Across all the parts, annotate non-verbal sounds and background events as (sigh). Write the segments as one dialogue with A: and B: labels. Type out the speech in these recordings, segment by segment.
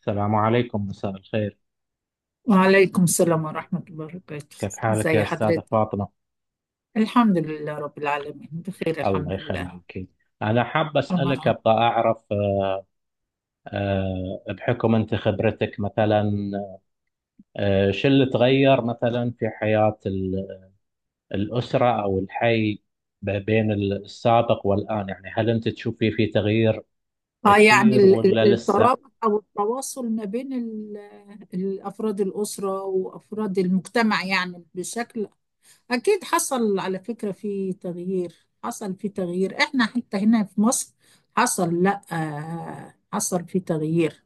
A: السلام عليكم، مساء الخير.
B: وعليكم السلام ورحمة الله وبركاته.
A: كيف حالك يا
B: ازي
A: أستاذة
B: حضرتك؟
A: فاطمة؟
B: الحمد لله رب العالمين، بخير
A: الله
B: الحمد لله.
A: يخليك. أنا حاب أسألك،
B: أمرها.
A: أبغى أعرف. بحكم أنت خبرتك مثلا، شو اللي تغير مثلا في حياة الأسرة أو الحي بين السابق والآن، يعني هل أنت تشوفي في تغيير
B: اه، يعني
A: كثير ولا لسه؟
B: الترابط أو التواصل ما بين أفراد الأسرة وأفراد المجتمع، يعني بشكل أكيد حصل. على فكرة، في تغيير حصل، في تغيير. إحنا حتى هنا في مصر حصل، لأ حصل في تغيير.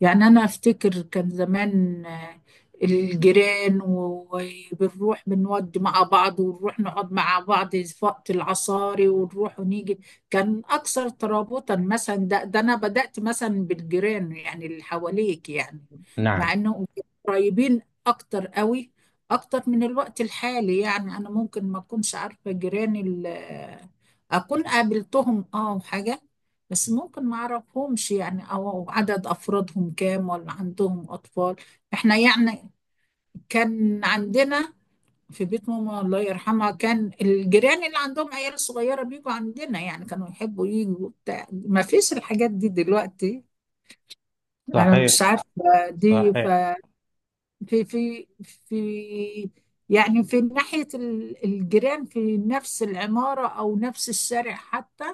B: يعني أنا أفتكر كان زمان، الجيران وبنروح بنودي مع بعض، ونروح نقعد مع بعض في وقت العصاري، ونروح ونيجي. كان أكثر ترابطا مثلا. ده أنا بدأت مثلا بالجيران، يعني اللي حواليك يعني.
A: نعم.
B: مع إنهم قريبين أكتر قوي، أكتر من الوقت الحالي. يعني أنا ممكن ما أكونش عارفة جيراني، أكون قابلتهم أه وحاجة، بس ممكن ما اعرفهمش، يعني او عدد افرادهم كام، ولا عندهم اطفال. احنا يعني كان عندنا في بيت ماما، الله يرحمها، كان الجيران اللي عندهم عيال صغيرة بيجوا عندنا، يعني كانوا يحبوا يجوا بتاع. ما فيش الحاجات دي دلوقتي، انا
A: صحيح.
B: مش عارفة. دي
A: صحيح.
B: في يعني في ناحية الجيران في نفس العمارة أو نفس الشارع حتى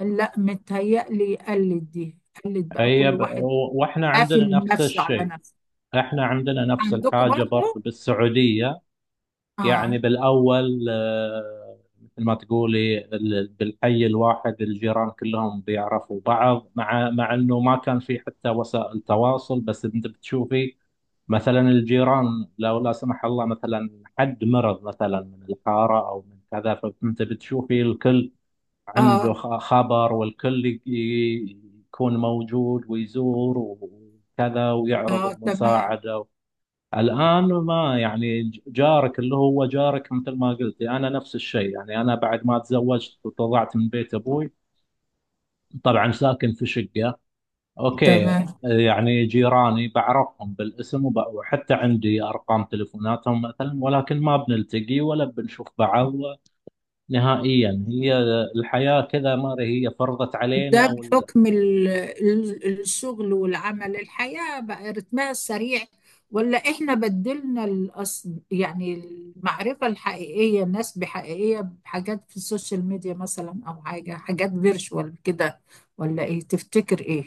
B: لا. متهيألي قلت دي، قلت بقى
A: هي
B: كل واحد
A: واحنا عندنا
B: قافل
A: نفس
B: نفسه على
A: الشيء،
B: نفسه.
A: احنا عندنا نفس
B: عندكم
A: الحاجة
B: برضه؟
A: برضو بالسعودية.
B: اه.
A: يعني بالأول، مثل ما تقولي بالحي الواحد الجيران كلهم بيعرفوا بعض، مع مع إنه ما كان في حتى وسائل تواصل، بس أنت بتشوفي مثلا الجيران، لو لا سمح الله مثلا حد مرض مثلا من الحارة أو من كذا، فأنت بتشوفي الكل عنده
B: اه.
A: خبر، والكل يكون موجود ويزور وكذا ويعرض
B: اه، تمام.
A: المساعدة. الآن ما يعني جارك اللي هو جارك. مثل ما قلت، أنا نفس الشيء. يعني أنا بعد ما تزوجت وطلعت من بيت أبوي، طبعا ساكن في شقة، أوكي،
B: تمام،
A: يعني جيراني بعرفهم بالاسم وحتى عندي أرقام تليفوناتهم مثلا، ولكن ما بنلتقي ولا بنشوف بعض نهائيا. هي الحياة كذا، ما هي فرضت
B: ده
A: علينا ولا؟
B: بحكم الشغل والعمل، الحياة بقى رتمها السريع، ولا احنا بدلنا الاصل؟ يعني المعرفة الحقيقية، الناس بحقيقية، بحاجات في السوشيال ميديا مثلا، او حاجة حاجات فيرشوال كده، ولا ايه تفتكر؟ ايه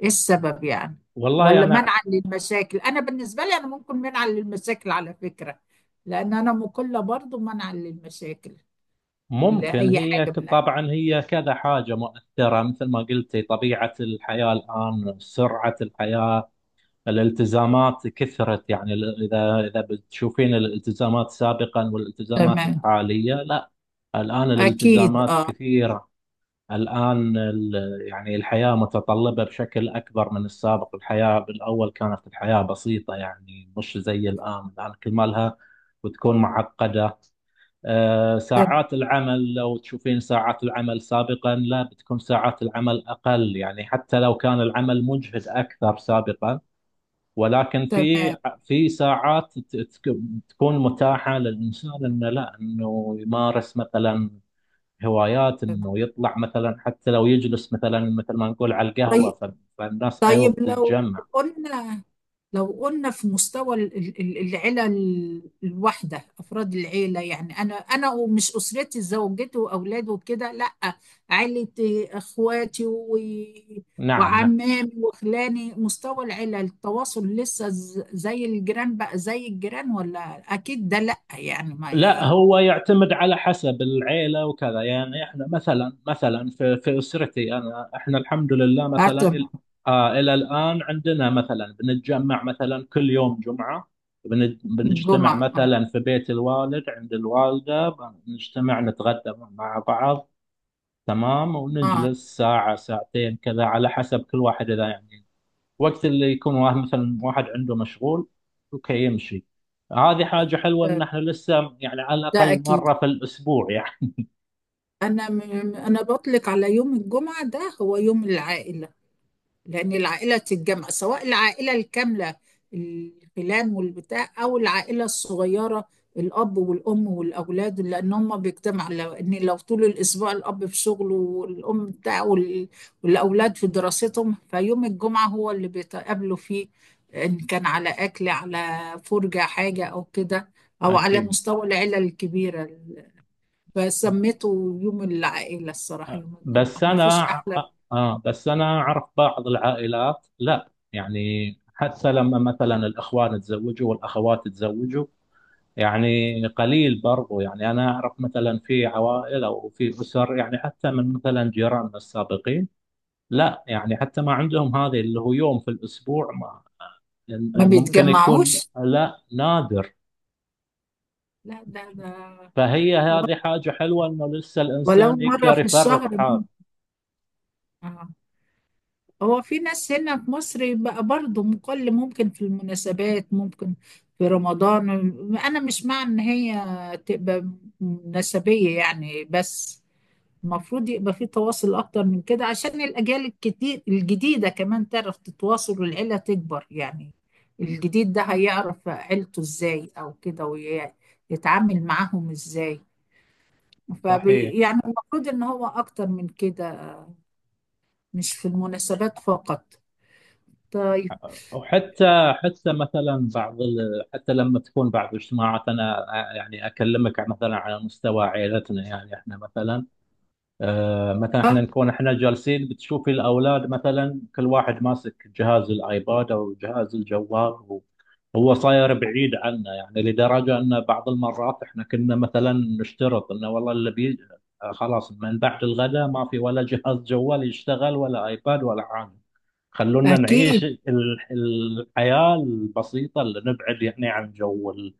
B: ايه السبب يعني؟
A: والله
B: ولا
A: أنا
B: منعا للمشاكل؟ انا بالنسبه لي انا ممكن منعا للمشاكل، على فكره، لان انا مقله برضو منعا للمشاكل
A: ممكن
B: لاي حاجه من اي.
A: طبعا هي كذا حاجة مؤثرة. مثل ما قلتي، طبيعة الحياة الآن، سرعة الحياة، الالتزامات كثرت. يعني إذا إذا بتشوفين الالتزامات سابقا والالتزامات
B: تمام.
A: الحالية، لا، الآن
B: اكيد
A: الالتزامات
B: اه.
A: كثيرة. الآن يعني الحياة متطلبة بشكل أكبر من السابق. الحياة بالأول كانت الحياة بسيطة، يعني مش زي الآن. الآن كل ما لها وتكون معقدة. ساعات العمل، لو تشوفين ساعات العمل سابقا، لا، بتكون ساعات العمل أقل، يعني حتى لو كان العمل مجهد أكثر سابقا، ولكن في
B: تمام.
A: في ساعات تكون متاحة للإنسان إنه، لا، إنه يمارس مثلا هوايات، إنه يطلع مثلا، حتى لو يجلس مثلا مثل ما نقول على القهوة.
B: طيب.
A: فالناس أيوه
B: طيب
A: بتتجمع.
B: قلنا لو قلنا في مستوى العيلة الواحدة، أفراد العيلة، يعني أنا، أنا ومش أسرتي زوجتي وأولادي وكده، لأ، عيلتي إخواتي و...
A: نعم، نعم.
B: وعمامي وخلاني، مستوى العيلة التواصل لسه زي الجيران؟ بقى زي الجيران، ولا أكيد ده لأ؟ يعني ما
A: لا،
B: إيه.
A: هو يعتمد على حسب العيلة وكذا. يعني احنا مثلا، مثلا في في اسرتي انا، احنا الحمد لله مثلا
B: هاتم.
A: آه، الى الان عندنا مثلا بنتجمع مثلا كل يوم جمعة، بنجتمع
B: الجمعة.
A: مثلا في بيت الوالد، عند الوالدة بنجتمع نتغدى مع بعض، تمام،
B: آه.
A: ونجلس ساعة ساعتين كذا على حسب كل واحد، اذا يعني وقت اللي يكون واحد مثلا، واحد عنده مشغول، اوكي، يمشي. هذه حاجة حلوة ان احنا لسه يعني على
B: ده
A: الاقل
B: أكيد.
A: مرة في الاسبوع يعني.
B: أنا م- أنا بطلق على يوم الجمعة ده هو يوم العائلة، لأن العائلة تتجمع، سواء العائلة الكاملة الخلان والبتاع، أو العائلة الصغيرة الأب والأم والأولاد، لأن هم بيجتمعوا. لأن لو طول الأسبوع الأب في شغله، والأم بتاعه، والأولاد في دراستهم، فيوم الجمعة هو اللي بيتقابلوا فيه، إن كان على أكل، على فرجة، حاجة أو كده، أو على
A: اكيد.
B: مستوى العيلة الكبيرة. فسميته يوم العائلة، الصراحة يوم الجمعة
A: بس
B: ما فيش
A: انا،
B: أحلى.
A: اه بس انا اعرف بعض العائلات، لا يعني حتى لما مثلا الاخوان تزوجوا والاخوات تزوجوا، يعني قليل برضو. يعني انا اعرف مثلا في عوائل او في اسر، يعني حتى من مثلا جيراننا السابقين، لا يعني حتى ما عندهم هذه اللي هو يوم في الاسبوع،
B: ما
A: ممكن يكون
B: بيتجمعوش؟
A: لا، نادر.
B: لا ده ده.
A: فهي هذه حاجة حلوة انه لسه
B: ولو
A: الانسان
B: مرة
A: يقدر
B: في
A: يفرغ
B: الشهر
A: حاله.
B: ممكن. آه. هو في ناس هنا في مصر بقى برضه مقل، ممكن في المناسبات ممكن، في رمضان. أنا مش مع إن هي تبقى مناسبية يعني، بس المفروض يبقى في تواصل أكتر من كده، عشان الأجيال الكتير الجديدة كمان تعرف تتواصل، والعيلة تكبر يعني، الجديد ده هيعرف عيلته إزاي، أو كده ويتعامل معاهم إزاي.
A: صحيح.
B: فبي يعني المفروض ان هو اكتر من كده، مش في المناسبات فقط. طيب.
A: وحتى حتى مثلا بعض حتى لما تكون بعض الاجتماعات، انا يعني اكلمك مثلا على مستوى عائلتنا، يعني احنا مثلا، مثلا احنا
B: آه،
A: نكون احنا جالسين، بتشوفي الاولاد مثلا كل واحد ماسك جهاز الايباد او جهاز الجوال، هو صاير بعيد عنا، يعني لدرجه ان بعض المرات احنا كنا مثلا نشترط انه والله اللي بي، خلاص من بعد الغداء ما في ولا جهاز جوال يشتغل ولا ايباد ولا حاجه، خلونا نعيش
B: اكيد
A: الحياه البسيطه اللي نبعد يعني عن جو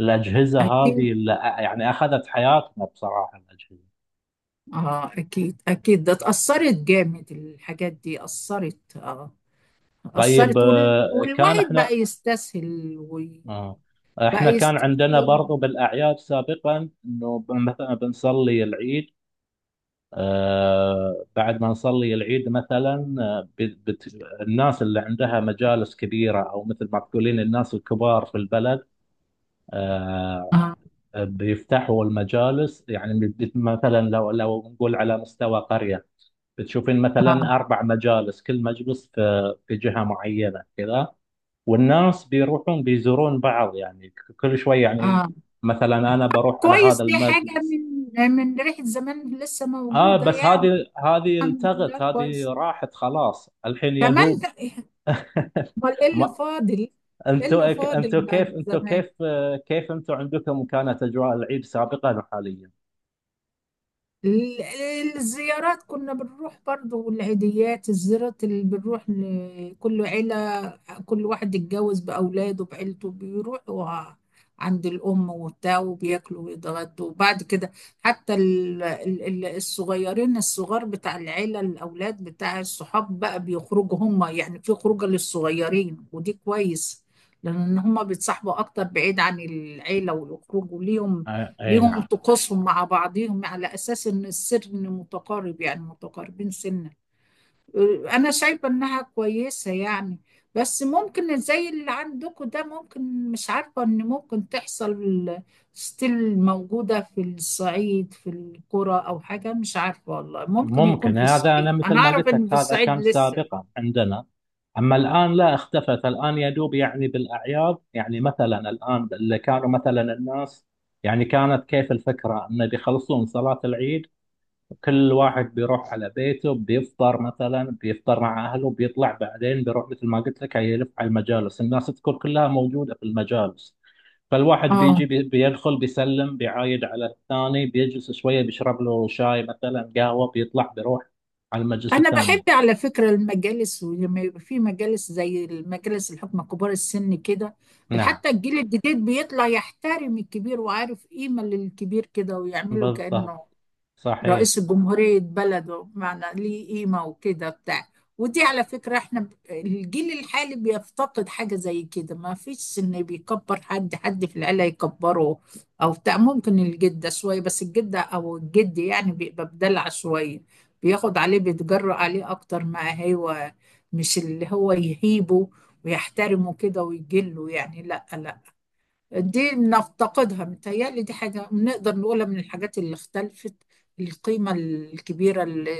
A: الاجهزه
B: اكيد.
A: هذه اللي يعني اخذت حياتنا بصراحه الاجهزه.
B: اه اكيد اكيد. ده اتأثرت جامد الحاجات دي، اثرت اه،
A: طيب،
B: اثرت.
A: آه، كان
B: والواحد بقى
A: احنا
B: يستسهل، وبقى
A: آه، احنا كان عندنا برضو
B: يستسهل.
A: بالاعياد سابقا، انه مثلا بنصلي العيد، بعد ما نصلي العيد مثلا، الناس اللي عندها مجالس كبيره، او مثل ما تقولين الناس الكبار في البلد، آه،
B: اه.
A: بيفتحوا المجالس. يعني مثلا لو لو نقول على مستوى قريه، بتشوفين مثلا
B: اه.
A: اربع مجالس، كل مجلس في في جهه معينه كذا، والناس بيروحون بيزورون بعض، يعني كل شوي يعني.
B: اه،
A: مثلا انا بروح على هذا
B: كويس. دي حاجة
A: المجلس.
B: من من ريحة زمان لسه
A: اه،
B: موجودة
A: بس
B: يعني.
A: هذه، هذه
B: الحمد
A: التغت
B: لله،
A: هذه
B: كويس.
A: راحت خلاص الحين، يا
B: كمان
A: دوب.
B: ده-
A: (laughs)
B: امال ايه اللي
A: ما
B: فاضل؟ ايه
A: انتوا،
B: اللي فاضل
A: انتوا
B: بقى
A: كيف،
B: من
A: انتوا
B: زمان؟
A: كيف، كيف انتوا عندكم كانت اجواء العيد سابقا وحاليا؟
B: الزيارات كنا بنروح برضو، والعيديات، الزيارات اللي بنروح لكل عيلة، كل واحد اتجوز بأولاده بعيلته بيروحوا عند الأم وبتاع، وبياكلوا ويتغدوا، وبعد كده حتى الصغيرين، الصغار بتاع العيلة، الأولاد بتاع الصحاب بقى بيخرجوا هم، يعني في خروجة للصغيرين، ودي كويس، لأن هم بيتصاحبوا أكتر بعيد عن العيلة، ويخرجوا ليهم،
A: اي
B: ليهم
A: نعم.
B: طقوسهم مع بعضهم، على أساس إن السن متقارب، يعني متقاربين سنا. انا شايفه انها كويسه يعني. بس ممكن زي اللي عندكم ده، ممكن مش عارفه، ان ممكن تحصل ستيل موجوده في الصعيد، في القرى او حاجه، مش عارفه والله، ممكن يكون
A: ممكن
B: في
A: هذا. أنا
B: الصعيد،
A: مثل
B: انا
A: ما
B: اعرف
A: قلت لك،
B: ان في
A: هذا
B: الصعيد
A: كان
B: لسه.
A: سابقا عندنا. أما الآن لا، اختفت. الآن يدوب يعني بالأعياد. يعني مثلا الآن اللي كانوا مثلا الناس، يعني كانت كيف الفكرة، أنه بيخلصون صلاة العيد، كل واحد بيروح على بيته، بيفطر مثلا، بيفطر مع أهله، بيطلع بعدين، بيروح مثل ما قلت لك، يلف على المجالس. الناس تكون كلها موجودة في المجالس، فالواحد
B: اه.
A: بيجي بيدخل، بيسلم، بيعايد على الثاني، بيجلس شوية، بيشرب له شاي مثلا، قهوة، بيطلع بيروح على المجلس
B: انا بحب
A: الثاني.
B: على فكره المجالس، ولما يبقى في مجالس زي المجالس الحكمه، كبار السن كده،
A: نعم.
B: حتى الجيل الجديد بيطلع يحترم الكبير، وعارف قيمه للكبير كده، ويعمله
A: بالضبط.
B: كانه
A: صحيح.
B: رئيس الجمهورية بلده، بمعنى ليه قيمة وكده بتاع. ودي على فكرة احنا الجيل الحالي بيفتقد حاجة زي كده، ما فيش ان بيكبر حد، حد في العيلة يكبره او بتاع، ممكن الجدة شوية، بس الجدة او الجد يعني بيبقى بدلع شوية، بياخد عليه، بيتجرأ عليه اكتر ما هو، مش اللي هو يهيبه ويحترمه كده ويجله يعني، لا لا. دي نفتقدها، متهيألي دي حاجة نقدر نقولها من الحاجات اللي اختلفت، القيمة الكبيرة اللي,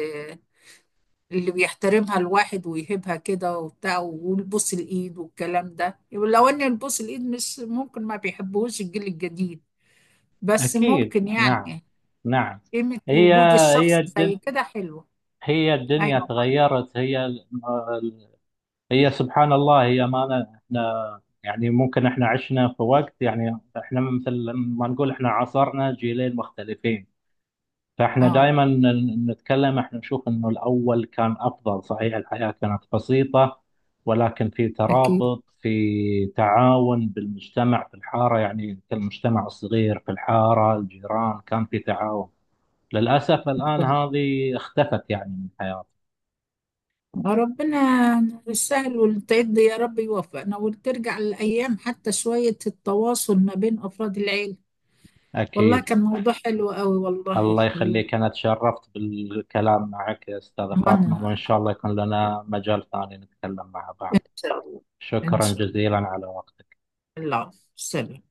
B: اللي بيحترمها الواحد ويهبها كده وبتاع، والبوس الإيد والكلام ده، لو إن البوس الإيد مش ممكن، ما بيحبوش الجيل الجديد، بس
A: أكيد.
B: ممكن
A: نعم.
B: يعني
A: نعم.
B: قيمة
A: هي
B: وجود
A: هي
B: الشخص زي
A: الدن
B: كده حلوة.
A: هي الدنيا
B: أيوه.
A: تغيرت. ال- هي سبحان الله. هي ما أنا- احنا يعني ممكن احنا عشنا في وقت، يعني احنا مثل ما نقول، احنا عاصرنا جيلين مختلفين، فاحنا
B: أه.
A: دائما نتكلم، احنا نشوف انه الاول كان افضل. صحيح، الحياة كانت بسيطة، ولكن في
B: أكيد.
A: ترابط، في تعاون بالمجتمع، في الحارة يعني كالمجتمع الصغير، في الحارة الجيران كان في تعاون. للأسف الآن هذه اختفت يعني من حياتي.
B: ربنا يسهل والتعد يا رب، يوفقنا وترجع الأيام، حتى شوية التواصل ما بين أفراد العيلة. والله
A: أكيد.
B: كان موضوع حلو قوي والله.
A: الله يخليك، أنا تشرفت بالكلام معك يا أستاذة فاطمة،
B: وأنا
A: وإن شاء الله يكون لنا مجال ثاني نتكلم مع
B: إن
A: بعض.
B: شاء الله. إن
A: شكرا
B: شاء الله.
A: جزيلا على وقتك.
B: العفو، سلام.